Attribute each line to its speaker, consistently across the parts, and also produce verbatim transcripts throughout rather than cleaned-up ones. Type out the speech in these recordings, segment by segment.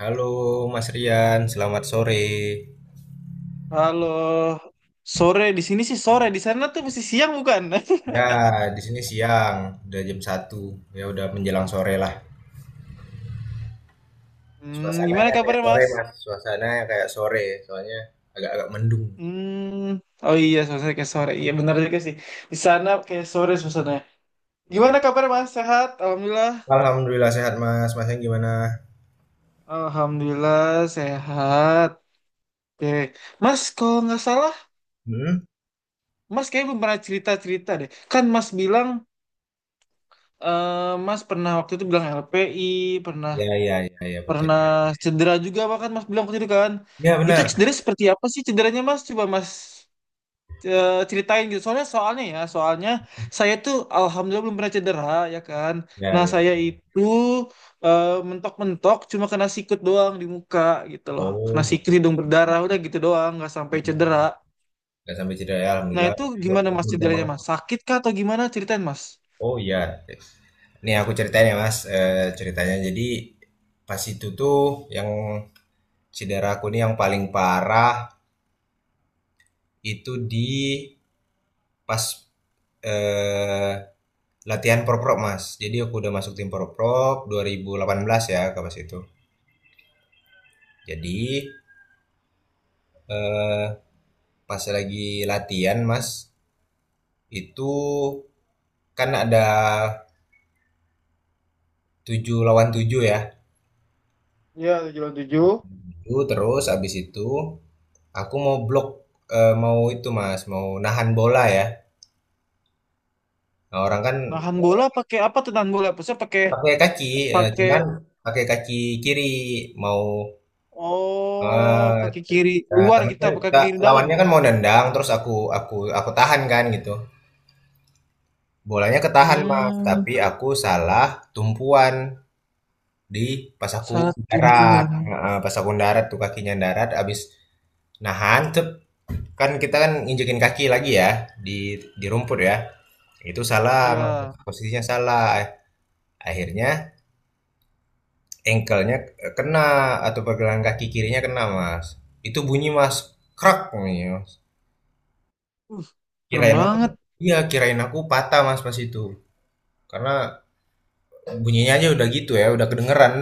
Speaker 1: Halo Mas Rian, selamat sore.
Speaker 2: Halo, sore di sini sih sore di sana tuh masih siang bukan?
Speaker 1: Ya, di sini siang, udah jam satu. Ya udah menjelang sore lah.
Speaker 2: Hmm, gimana
Speaker 1: Suasananya kayak
Speaker 2: kabarnya
Speaker 1: sore,
Speaker 2: Mas?
Speaker 1: Mas. Suasananya kayak sore, soalnya agak-agak mendung.
Speaker 2: Hmm, oh iya suasana kayak sore, iya benar juga sih. Di sana kayak sore suasananya. Gimana
Speaker 1: Iya.
Speaker 2: kabarnya Mas? Sehat? Alhamdulillah.
Speaker 1: Alhamdulillah sehat, Mas. Masnya gimana?
Speaker 2: Alhamdulillah sehat. Oke, Mas kalau nggak salah,
Speaker 1: Hmm?
Speaker 2: Mas kayaknya belum pernah cerita cerita deh. Kan Mas bilang, eh, Mas pernah waktu itu bilang L P I, pernah
Speaker 1: Ya, ya, ya, ya, betul.
Speaker 2: pernah cedera juga bahkan Mas bilang tadi kan.
Speaker 1: Ya,
Speaker 2: Itu
Speaker 1: benar.
Speaker 2: cedera seperti apa sih cederanya Mas? Coba Mas eh, ceritain gitu. Soalnya soalnya ya, soalnya saya tuh alhamdulillah belum pernah cedera ya kan.
Speaker 1: Ya,
Speaker 2: Nah,
Speaker 1: ya.
Speaker 2: saya itu eh, mentok-mentok cuma kena sikut doang di muka gitu loh. Kena
Speaker 1: Oh,
Speaker 2: sikut
Speaker 1: gitu.
Speaker 2: hidung berdarah udah gitu doang, nggak sampai cedera.
Speaker 1: Gak sampai cedera ya,
Speaker 2: Nah,
Speaker 1: Alhamdulillah.
Speaker 2: itu gimana Mas
Speaker 1: Beruntung
Speaker 2: cederanya
Speaker 1: banget.
Speaker 2: Mas? Sakit kah atau gimana? Ceritain Mas.
Speaker 1: Oh iya. Nih aku ceritain ya Mas, Eh, ceritanya. Jadi pas itu tuh yang cedera aku nih yang paling parah itu di pas eh, latihan proprok mas. Jadi aku udah masuk tim proprok dua ribu delapan belas ya ke pas itu. Jadi eh, pas lagi latihan mas, itu kan ada tujuh lawan tujuh ya.
Speaker 2: Iya, tujuh lawan tujuh.
Speaker 1: Itu terus abis itu aku mau blok eh, mau itu mas mau nahan bola ya. Nah, orang kan
Speaker 2: Nahan bola pakai apa tuh nahan bola? Maksudnya pakai
Speaker 1: pakai kaki eh,
Speaker 2: pakai
Speaker 1: cuman pakai kaki kiri mau
Speaker 2: Oh,
Speaker 1: eh,
Speaker 2: kaki kiri
Speaker 1: nah,
Speaker 2: luar
Speaker 1: temen
Speaker 2: gitu apa kaki
Speaker 1: kan
Speaker 2: kiri dalam?
Speaker 1: lawannya kan mau nendang, terus aku aku aku tahan kan gitu. Bolanya ketahan, Mas,
Speaker 2: Hmm,
Speaker 1: tapi aku salah tumpuan di pas aku
Speaker 2: saat
Speaker 1: darat,
Speaker 2: tumpuan.
Speaker 1: heeh, pas aku darat tuh kakinya darat abis nahan cep, kan kita kan nginjekin kaki lagi ya di di rumput ya. Itu salah, Mas,
Speaker 2: Ya,
Speaker 1: posisinya salah. Akhirnya engkelnya kena, atau pergelangan kaki kirinya kena, Mas. Itu bunyi, Mas, krak bunyinya, Mas.
Speaker 2: uh, serem
Speaker 1: Kirain apa?
Speaker 2: banget.
Speaker 1: Iya, kirain aku patah Mas pas itu. Karena bunyinya aja udah gitu ya, udah kedengeran.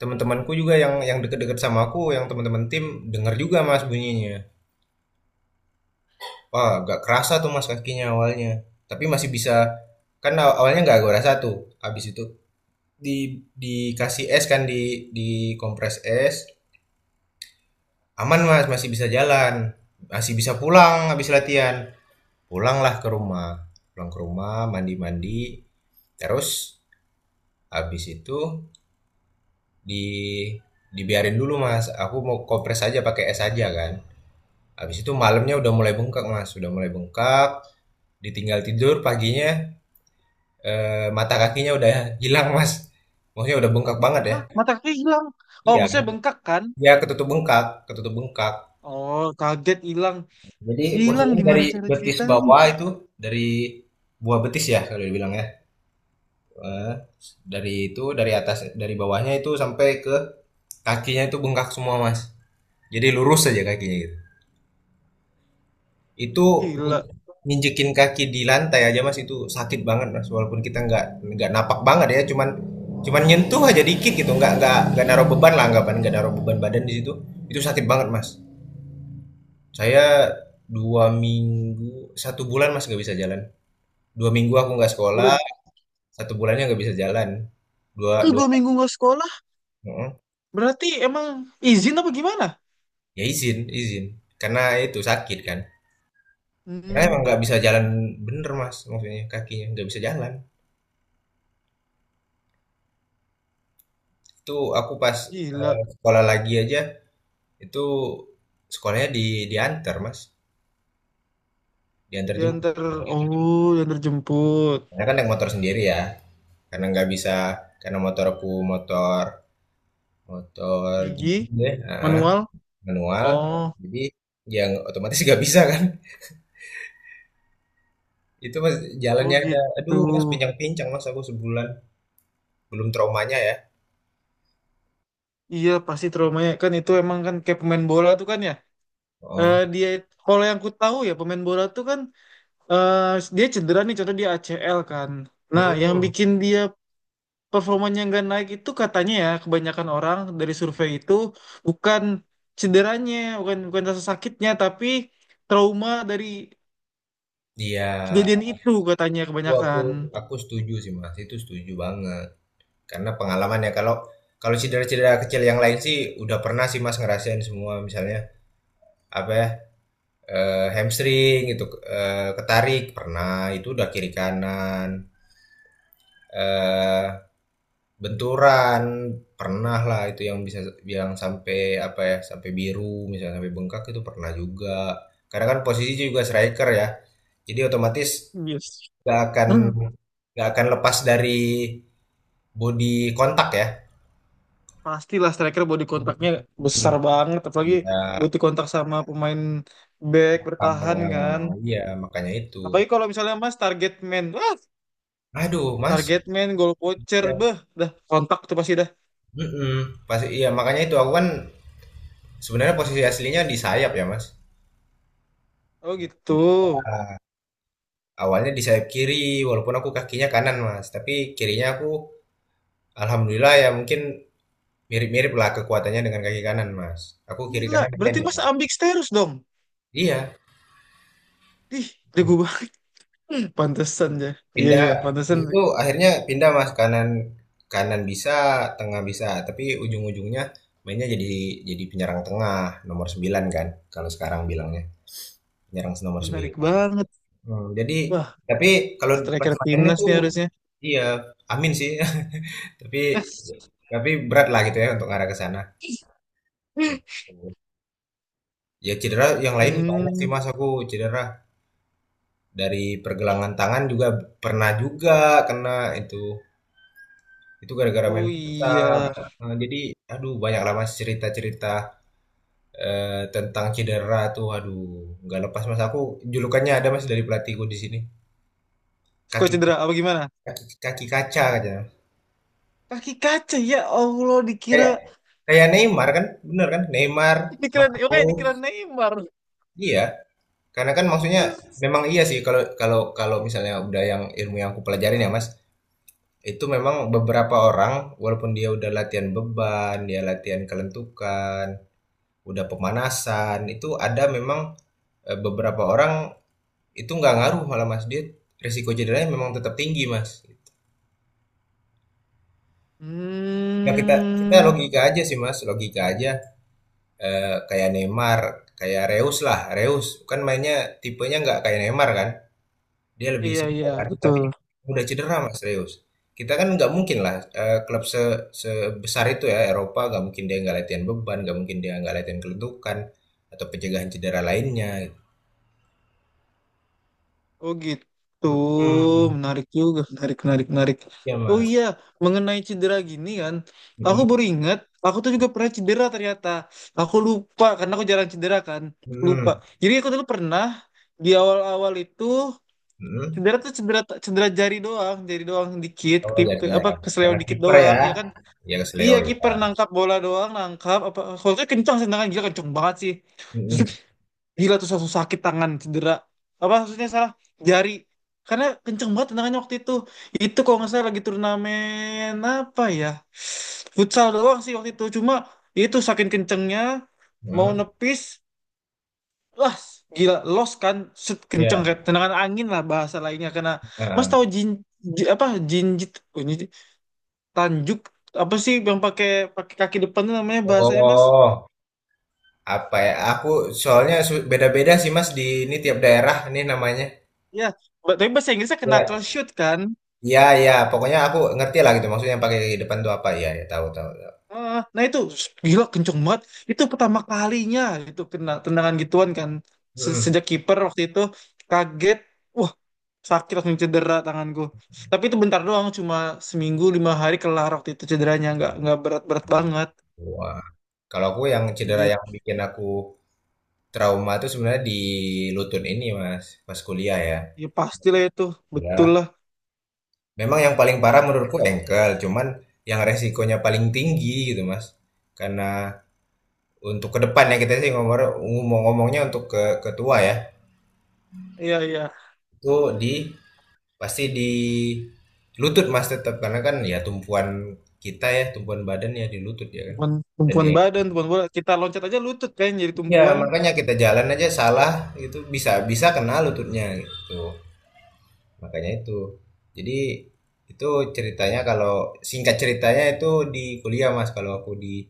Speaker 1: Teman-temanku juga yang yang deket-deket sama aku, yang teman-teman tim denger juga Mas bunyinya. Wah, gak kerasa tuh Mas kakinya awalnya. Tapi masih bisa, kan aw- awalnya nggak gua rasa tuh. Habis itu di dikasih es kan, di di kompres es. Aman Mas, masih bisa jalan. Masih bisa pulang habis latihan. Pulanglah ke rumah. Pulang ke rumah, mandi-mandi. Terus habis itu di dibiarin dulu Mas. Aku mau kompres aja pakai es aja kan. Habis itu malamnya udah mulai bengkak Mas, udah mulai bengkak. Ditinggal tidur paginya, eh, mata kakinya udah hilang Mas. Maksudnya udah bengkak banget ya.
Speaker 2: Hah, mata kaki hilang. Oh,
Speaker 1: Iya,
Speaker 2: maksudnya bengkak kan?
Speaker 1: ya ketutup bengkak, ketutup bengkak.
Speaker 2: Oh, kaget hilang.
Speaker 1: Jadi
Speaker 2: Hilang
Speaker 1: posisinya
Speaker 2: gimana
Speaker 1: dari
Speaker 2: cara
Speaker 1: betis
Speaker 2: ceritanya?
Speaker 1: bawah itu, dari buah betis ya kalau dibilang ya. Eh, dari itu dari atas, dari bawahnya itu sampai ke kakinya itu bengkak semua Mas. Jadi lurus aja kakinya gitu. Itu
Speaker 2: Gila.
Speaker 1: nginjekin kaki di lantai aja Mas itu sakit banget Mas, walaupun kita nggak nggak napak banget ya, cuman cuman nyentuh aja dikit gitu, nggak nggak nggak naruh beban lah, anggapan nggak naruh beban badan di situ, itu sakit banget Mas. Saya dua minggu, satu bulan Mas nggak bisa jalan. Dua minggu aku nggak sekolah,
Speaker 2: Bulan
Speaker 1: satu bulannya nggak bisa jalan. Dua
Speaker 2: itu
Speaker 1: dua
Speaker 2: dua minggu nggak sekolah.
Speaker 1: heeh.
Speaker 2: Berarti emang izin apa gimana?
Speaker 1: Ya izin, izin karena itu sakit kan, karena
Speaker 2: Hmm,
Speaker 1: emang nggak bisa jalan, bener Mas, maksudnya kakinya nggak bisa jalan. Itu aku pas eee,
Speaker 2: gila.
Speaker 1: sekolah lagi aja, itu sekolahnya di diantar Mas, diantar
Speaker 2: Diantar,
Speaker 1: jemput.
Speaker 2: oh, diantar jemput.
Speaker 1: Karena kan naik motor sendiri ya, karena nggak bisa, karena motor aku, motor motor gigi
Speaker 2: Gigi,
Speaker 1: deh, heeh,
Speaker 2: manual.
Speaker 1: manual,
Speaker 2: Oh,
Speaker 1: jadi yang otomatis nggak bisa kan. Itu, Mas,
Speaker 2: oh
Speaker 1: jalannya ada
Speaker 2: gitu.
Speaker 1: aduh, Mas, pincang-pincang, Mas, aku sebulan, belum traumanya ya.
Speaker 2: Iya pasti traumanya kan itu emang kan kayak pemain bola tuh kan ya eh,
Speaker 1: Oh,
Speaker 2: dia kalau yang ku tahu ya pemain bola tuh kan, eh, dia cedera nih contoh dia A C L kan, nah yang
Speaker 1: mhm,
Speaker 2: bikin dia performanya nggak naik itu katanya ya kebanyakan orang dari survei itu bukan cederanya, bukan bukan rasa sakitnya tapi trauma dari
Speaker 1: iya,
Speaker 2: kejadian itu katanya
Speaker 1: aku aku
Speaker 2: kebanyakan.
Speaker 1: aku setuju sih, Mas, itu setuju banget. Karena pengalaman ya, kalau kalau cedera-cedera kecil yang lain sih udah pernah sih Mas ngerasain semua, misalnya apa ya, eh, hamstring itu, e, ketarik pernah, itu udah kiri kanan, eh benturan pernah lah, itu yang bisa bilang sampai apa ya, sampai biru, misalnya sampai bengkak itu pernah juga, karena kan posisi juga striker ya, jadi otomatis
Speaker 2: Yes.
Speaker 1: nggak akan nggak akan lepas dari body kontak ya.
Speaker 2: Pastilah striker body kontaknya
Speaker 1: Hmm.
Speaker 2: besar banget, apalagi
Speaker 1: Iya.
Speaker 2: butuh kontak sama pemain back
Speaker 1: Ah,
Speaker 2: bertahan kan.
Speaker 1: iya makanya itu.
Speaker 2: Apalagi kalau misalnya Mas target man, wah
Speaker 1: Aduh, Mas.
Speaker 2: target man, goal poacher,
Speaker 1: Ya.
Speaker 2: beh, dah kontak tuh pasti dah.
Speaker 1: Mm-mm. Pasti iya makanya itu, aku kan sebenarnya posisi aslinya di sayap ya, Mas.
Speaker 2: Oh gitu.
Speaker 1: Awalnya di sayap kiri, walaupun aku kakinya kanan, Mas. Tapi kirinya aku alhamdulillah ya, mungkin mirip-mirip lah kekuatannya dengan kaki kanan, Mas. Aku kiri
Speaker 2: Gila,
Speaker 1: kanan main
Speaker 2: berarti
Speaker 1: ya.
Speaker 2: Mas ambidextrous dong.
Speaker 1: Iya.
Speaker 2: Ih, jago banget. Pantesan ya. Iya
Speaker 1: Pindah
Speaker 2: iya, pantesan
Speaker 1: itu akhirnya pindah, Mas, kanan, kanan bisa, tengah bisa, tapi ujung-ujungnya mainnya jadi jadi penyerang tengah, nomor sembilan kan kalau sekarang bilangnya. Penyerang nomor sembilan.
Speaker 2: menarik banget.
Speaker 1: Hmm, jadi
Speaker 2: Wah,
Speaker 1: tapi kalau pas
Speaker 2: striker
Speaker 1: main
Speaker 2: timnas
Speaker 1: itu,
Speaker 2: nih harusnya.
Speaker 1: iya, amin sih. Tapi tapi berat lah gitu ya untuk arah ke sana. Ya, cedera yang lain banyak sih
Speaker 2: Hmm,
Speaker 1: Mas, aku cedera dari pergelangan tangan juga, pernah juga kena itu itu gara-gara main
Speaker 2: oh
Speaker 1: futsal.
Speaker 2: iya.
Speaker 1: Eh, jadi aduh, banyak lah Mas cerita-cerita eh, tentang cedera tuh aduh, nggak lepas Mas aku, julukannya ada Mas dari pelatihku di sini,
Speaker 2: Suka
Speaker 1: kaki
Speaker 2: cedera apa gimana?
Speaker 1: kaki kaki kaca aja.
Speaker 2: Kaki kaca ya Allah
Speaker 1: Kayak
Speaker 2: dikira
Speaker 1: kayak Neymar kan, bener kan? Neymar,
Speaker 2: Dikira, oke,
Speaker 1: Marquinhos,
Speaker 2: dikira Neymar.
Speaker 1: iya. Karena kan maksudnya memang iya sih, kalau kalau kalau misalnya udah, yang ilmu yang aku pelajarin ya Mas, itu memang beberapa orang, walaupun dia udah latihan beban, dia latihan kelentukan, udah pemanasan, itu ada memang eh, beberapa orang itu nggak ngaruh malah Mas, dia risiko cederanya memang tetap tinggi Mas. Ya, kita kita
Speaker 2: Hmm,
Speaker 1: logika aja sih Mas, logika aja. Eh, kayak Neymar, kayak Reus lah. Reus kan mainnya tipenya nggak kayak Neymar kan. Dia lebih
Speaker 2: iya
Speaker 1: simpel
Speaker 2: iya
Speaker 1: kan.
Speaker 2: betul.
Speaker 1: Tapi udah cedera Mas Reus. Kita kan nggak mungkin lah eh, klub se- sebesar itu ya, Eropa, nggak mungkin dia nggak latihan beban, nggak mungkin dia nggak latihan kelentukan atau pencegahan cedera lainnya.
Speaker 2: Oh gitu,
Speaker 1: Hmm.
Speaker 2: menarik juga, menarik menarik menarik.
Speaker 1: Ya
Speaker 2: Oh
Speaker 1: Mas.
Speaker 2: iya, mengenai cedera gini kan, aku
Speaker 1: Mm,
Speaker 2: baru ingat, aku tuh juga pernah cedera ternyata. Aku lupa karena aku jarang cedera kan, lupa.
Speaker 1: mm,
Speaker 2: Jadi aku dulu pernah di awal-awal itu
Speaker 1: mm.
Speaker 2: cedera tuh cedera cedera jari doang, jari doang dikit,
Speaker 1: Oh,
Speaker 2: klip-
Speaker 1: jadi ya
Speaker 2: apa kesleo
Speaker 1: karena
Speaker 2: dikit
Speaker 1: kiper ya.
Speaker 2: doang, ya kan.
Speaker 1: Ya, ke
Speaker 2: Iya
Speaker 1: Leo ya.
Speaker 2: kiper nangkap bola doang nangkap apa Holtnya kencang sih tangan gila kencang banget sih
Speaker 1: Mm,
Speaker 2: Zup, gila tuh satu sakit tangan cedera apa maksudnya salah jari karena kencang banget tendangannya waktu itu. Itu kalau nggak salah lagi turnamen apa ya, futsal doang sih waktu itu cuma itu saking kencengnya
Speaker 1: mm,
Speaker 2: mau
Speaker 1: mm.
Speaker 2: nepis, wah gila los kan. Set, kenceng
Speaker 1: Ya.
Speaker 2: kayak tendangan angin lah bahasa lainnya karena mas
Speaker 1: Heeh.
Speaker 2: tahu jin, ji- apa jinjit Tanjuk apa sih yang pakai pakai kaki depan tuh namanya bahasanya Mas?
Speaker 1: Oh. Apa ya, aku soalnya su- beda-beda sih mas, di ini tiap daerah ini namanya.
Speaker 2: Ya, ba- tapi bahasa Inggrisnya knuckle
Speaker 1: Ya,
Speaker 2: shoot kan?
Speaker 1: ya, ya, pokoknya aku ngerti lah gitu maksudnya, yang pakai kaki depan tuh apa ya, ya tahu, tahu, tahu.
Speaker 2: Heeh. Nah itu s- gila kenceng banget. Itu pertama kalinya itu kena tendangan gituan kan. Se-
Speaker 1: Hmm.
Speaker 2: Sejak kiper waktu itu kaget. Wah, sakit langsung cedera tanganku. Tapi itu bentar doang, cuma seminggu lima hari kelar waktu itu cederanya nggak nggak berat-berat banget.
Speaker 1: Wah, kalau aku yang cedera yang
Speaker 2: Gitu.
Speaker 1: bikin aku trauma itu sebenarnya di lutut ini mas, pas kuliah ya.
Speaker 2: Ya pastilah itu, betul
Speaker 1: Ya,
Speaker 2: lah.
Speaker 1: memang yang paling parah menurutku engkel, cuman yang resikonya paling tinggi gitu mas, karena untuk ke depan ya, kita sih ngomong ngomong ngomongnya untuk ke ketua ya,
Speaker 2: Iya iya,
Speaker 1: itu di pasti di lutut Mas tetap, karena kan ya tumpuan kita ya, tumpuan badan ya di lutut ya kan.
Speaker 2: tumpuan,
Speaker 1: Dan
Speaker 2: tumpuan
Speaker 1: dia
Speaker 2: badan, tumpuan bola. Kita loncat aja lutut kan jadi
Speaker 1: ya
Speaker 2: tumpuan.
Speaker 1: makanya kita jalan aja salah, itu bisa bisa kena lututnya gitu. Makanya itu. Jadi itu ceritanya, kalau singkat ceritanya itu di kuliah Mas, kalau aku di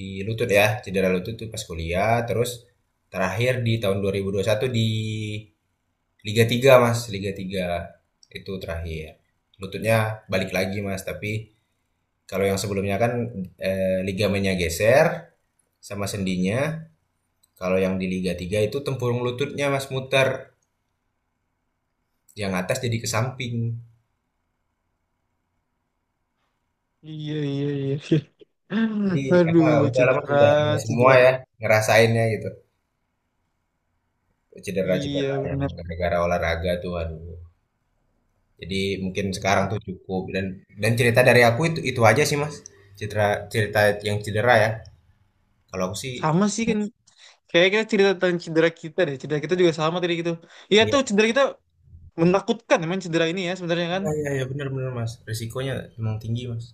Speaker 1: di lutut ya, cedera lutut tuh pas kuliah, terus terakhir di tahun dua ribu dua puluh satu di Liga tiga mas, Liga tiga itu terakhir. Lututnya balik lagi mas, tapi kalau yang sebelumnya kan eh, ligamennya geser sama sendinya. Kalau yang di Liga tiga itu tempurung lututnya mas muter, yang atas jadi ke samping.
Speaker 2: Iya, iya, iya. iya.
Speaker 1: Jadi
Speaker 2: Aduh,
Speaker 1: eh, udah lama
Speaker 2: cedera,
Speaker 1: sudah semua
Speaker 2: cedera.
Speaker 1: ya ngerasainnya gitu.
Speaker 2: Iya,
Speaker 1: Cedera-cedera yang
Speaker 2: bener.
Speaker 1: gara-gara olahraga tuh aduh. Jadi mungkin sekarang
Speaker 2: Ah,
Speaker 1: tuh cukup, dan dan cerita dari aku itu itu aja sih mas. Cedera cerita yang cedera ya. Kalau aku sih,
Speaker 2: Sama sih kan. Kayaknya kita cerita tentang cedera kita deh. Cedera kita juga sama tadi gitu. Iya tuh, cedera kita menakutkan emang cedera ini ya sebenarnya kan.
Speaker 1: iya iya iya, benar-benar Mas, risikonya emang tinggi, Mas,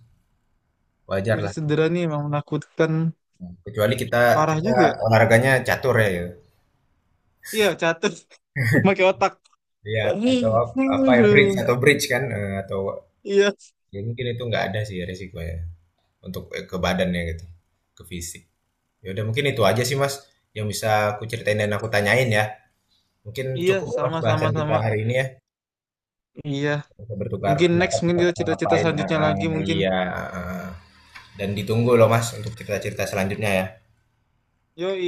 Speaker 1: wajar lah,
Speaker 2: Kondisi cedera ini emang menakutkan.
Speaker 1: kecuali kita
Speaker 2: Parah
Speaker 1: kita
Speaker 2: juga. Ya?
Speaker 1: olahraganya catur ya gitu,
Speaker 2: Iya, catur. Pakai otak.
Speaker 1: iya, atau apa ya, bridge,
Speaker 2: Aduh.
Speaker 1: atau bridge kan, eee, atau
Speaker 2: Iya,
Speaker 1: ya mungkin itu nggak ada sih risikonya untuk, eee, ke badannya gitu, ke fisik. Ya udah mungkin itu aja sih, Mas, yang bisa aku ceritain dan aku tanyain ya, mungkin
Speaker 2: iya,
Speaker 1: cukup ya, Mas,
Speaker 2: sama-sama sama,
Speaker 1: bahasan kita
Speaker 2: sama,
Speaker 1: hari
Speaker 2: sama.
Speaker 1: ini ya,
Speaker 2: Iya.
Speaker 1: kita bertukar
Speaker 2: Mungkin next,
Speaker 1: pendapat kita
Speaker 2: mungkin kita
Speaker 1: bakal
Speaker 2: cerita-cerita
Speaker 1: ngapain,
Speaker 2: selanjutnya
Speaker 1: heeh,
Speaker 2: lagi mungkin.
Speaker 1: iya, heeh, dan ditunggu loh, Mas, untuk cerita-cerita selanjutnya ya.
Speaker 2: Yoi,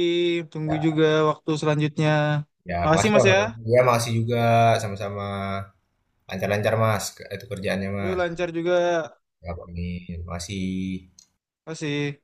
Speaker 2: tunggu juga waktu selanjutnya.
Speaker 1: Ya,
Speaker 2: Makasih
Speaker 1: makasih ya,
Speaker 2: Mas ya.
Speaker 1: Mas. Ya, makasih juga. Sama-sama. Lancar-lancar, Mas. Ke- Itu kerjaannya,
Speaker 2: Lu
Speaker 1: Mas.
Speaker 2: lancar juga
Speaker 1: Ya, amin. Makasih.
Speaker 2: masih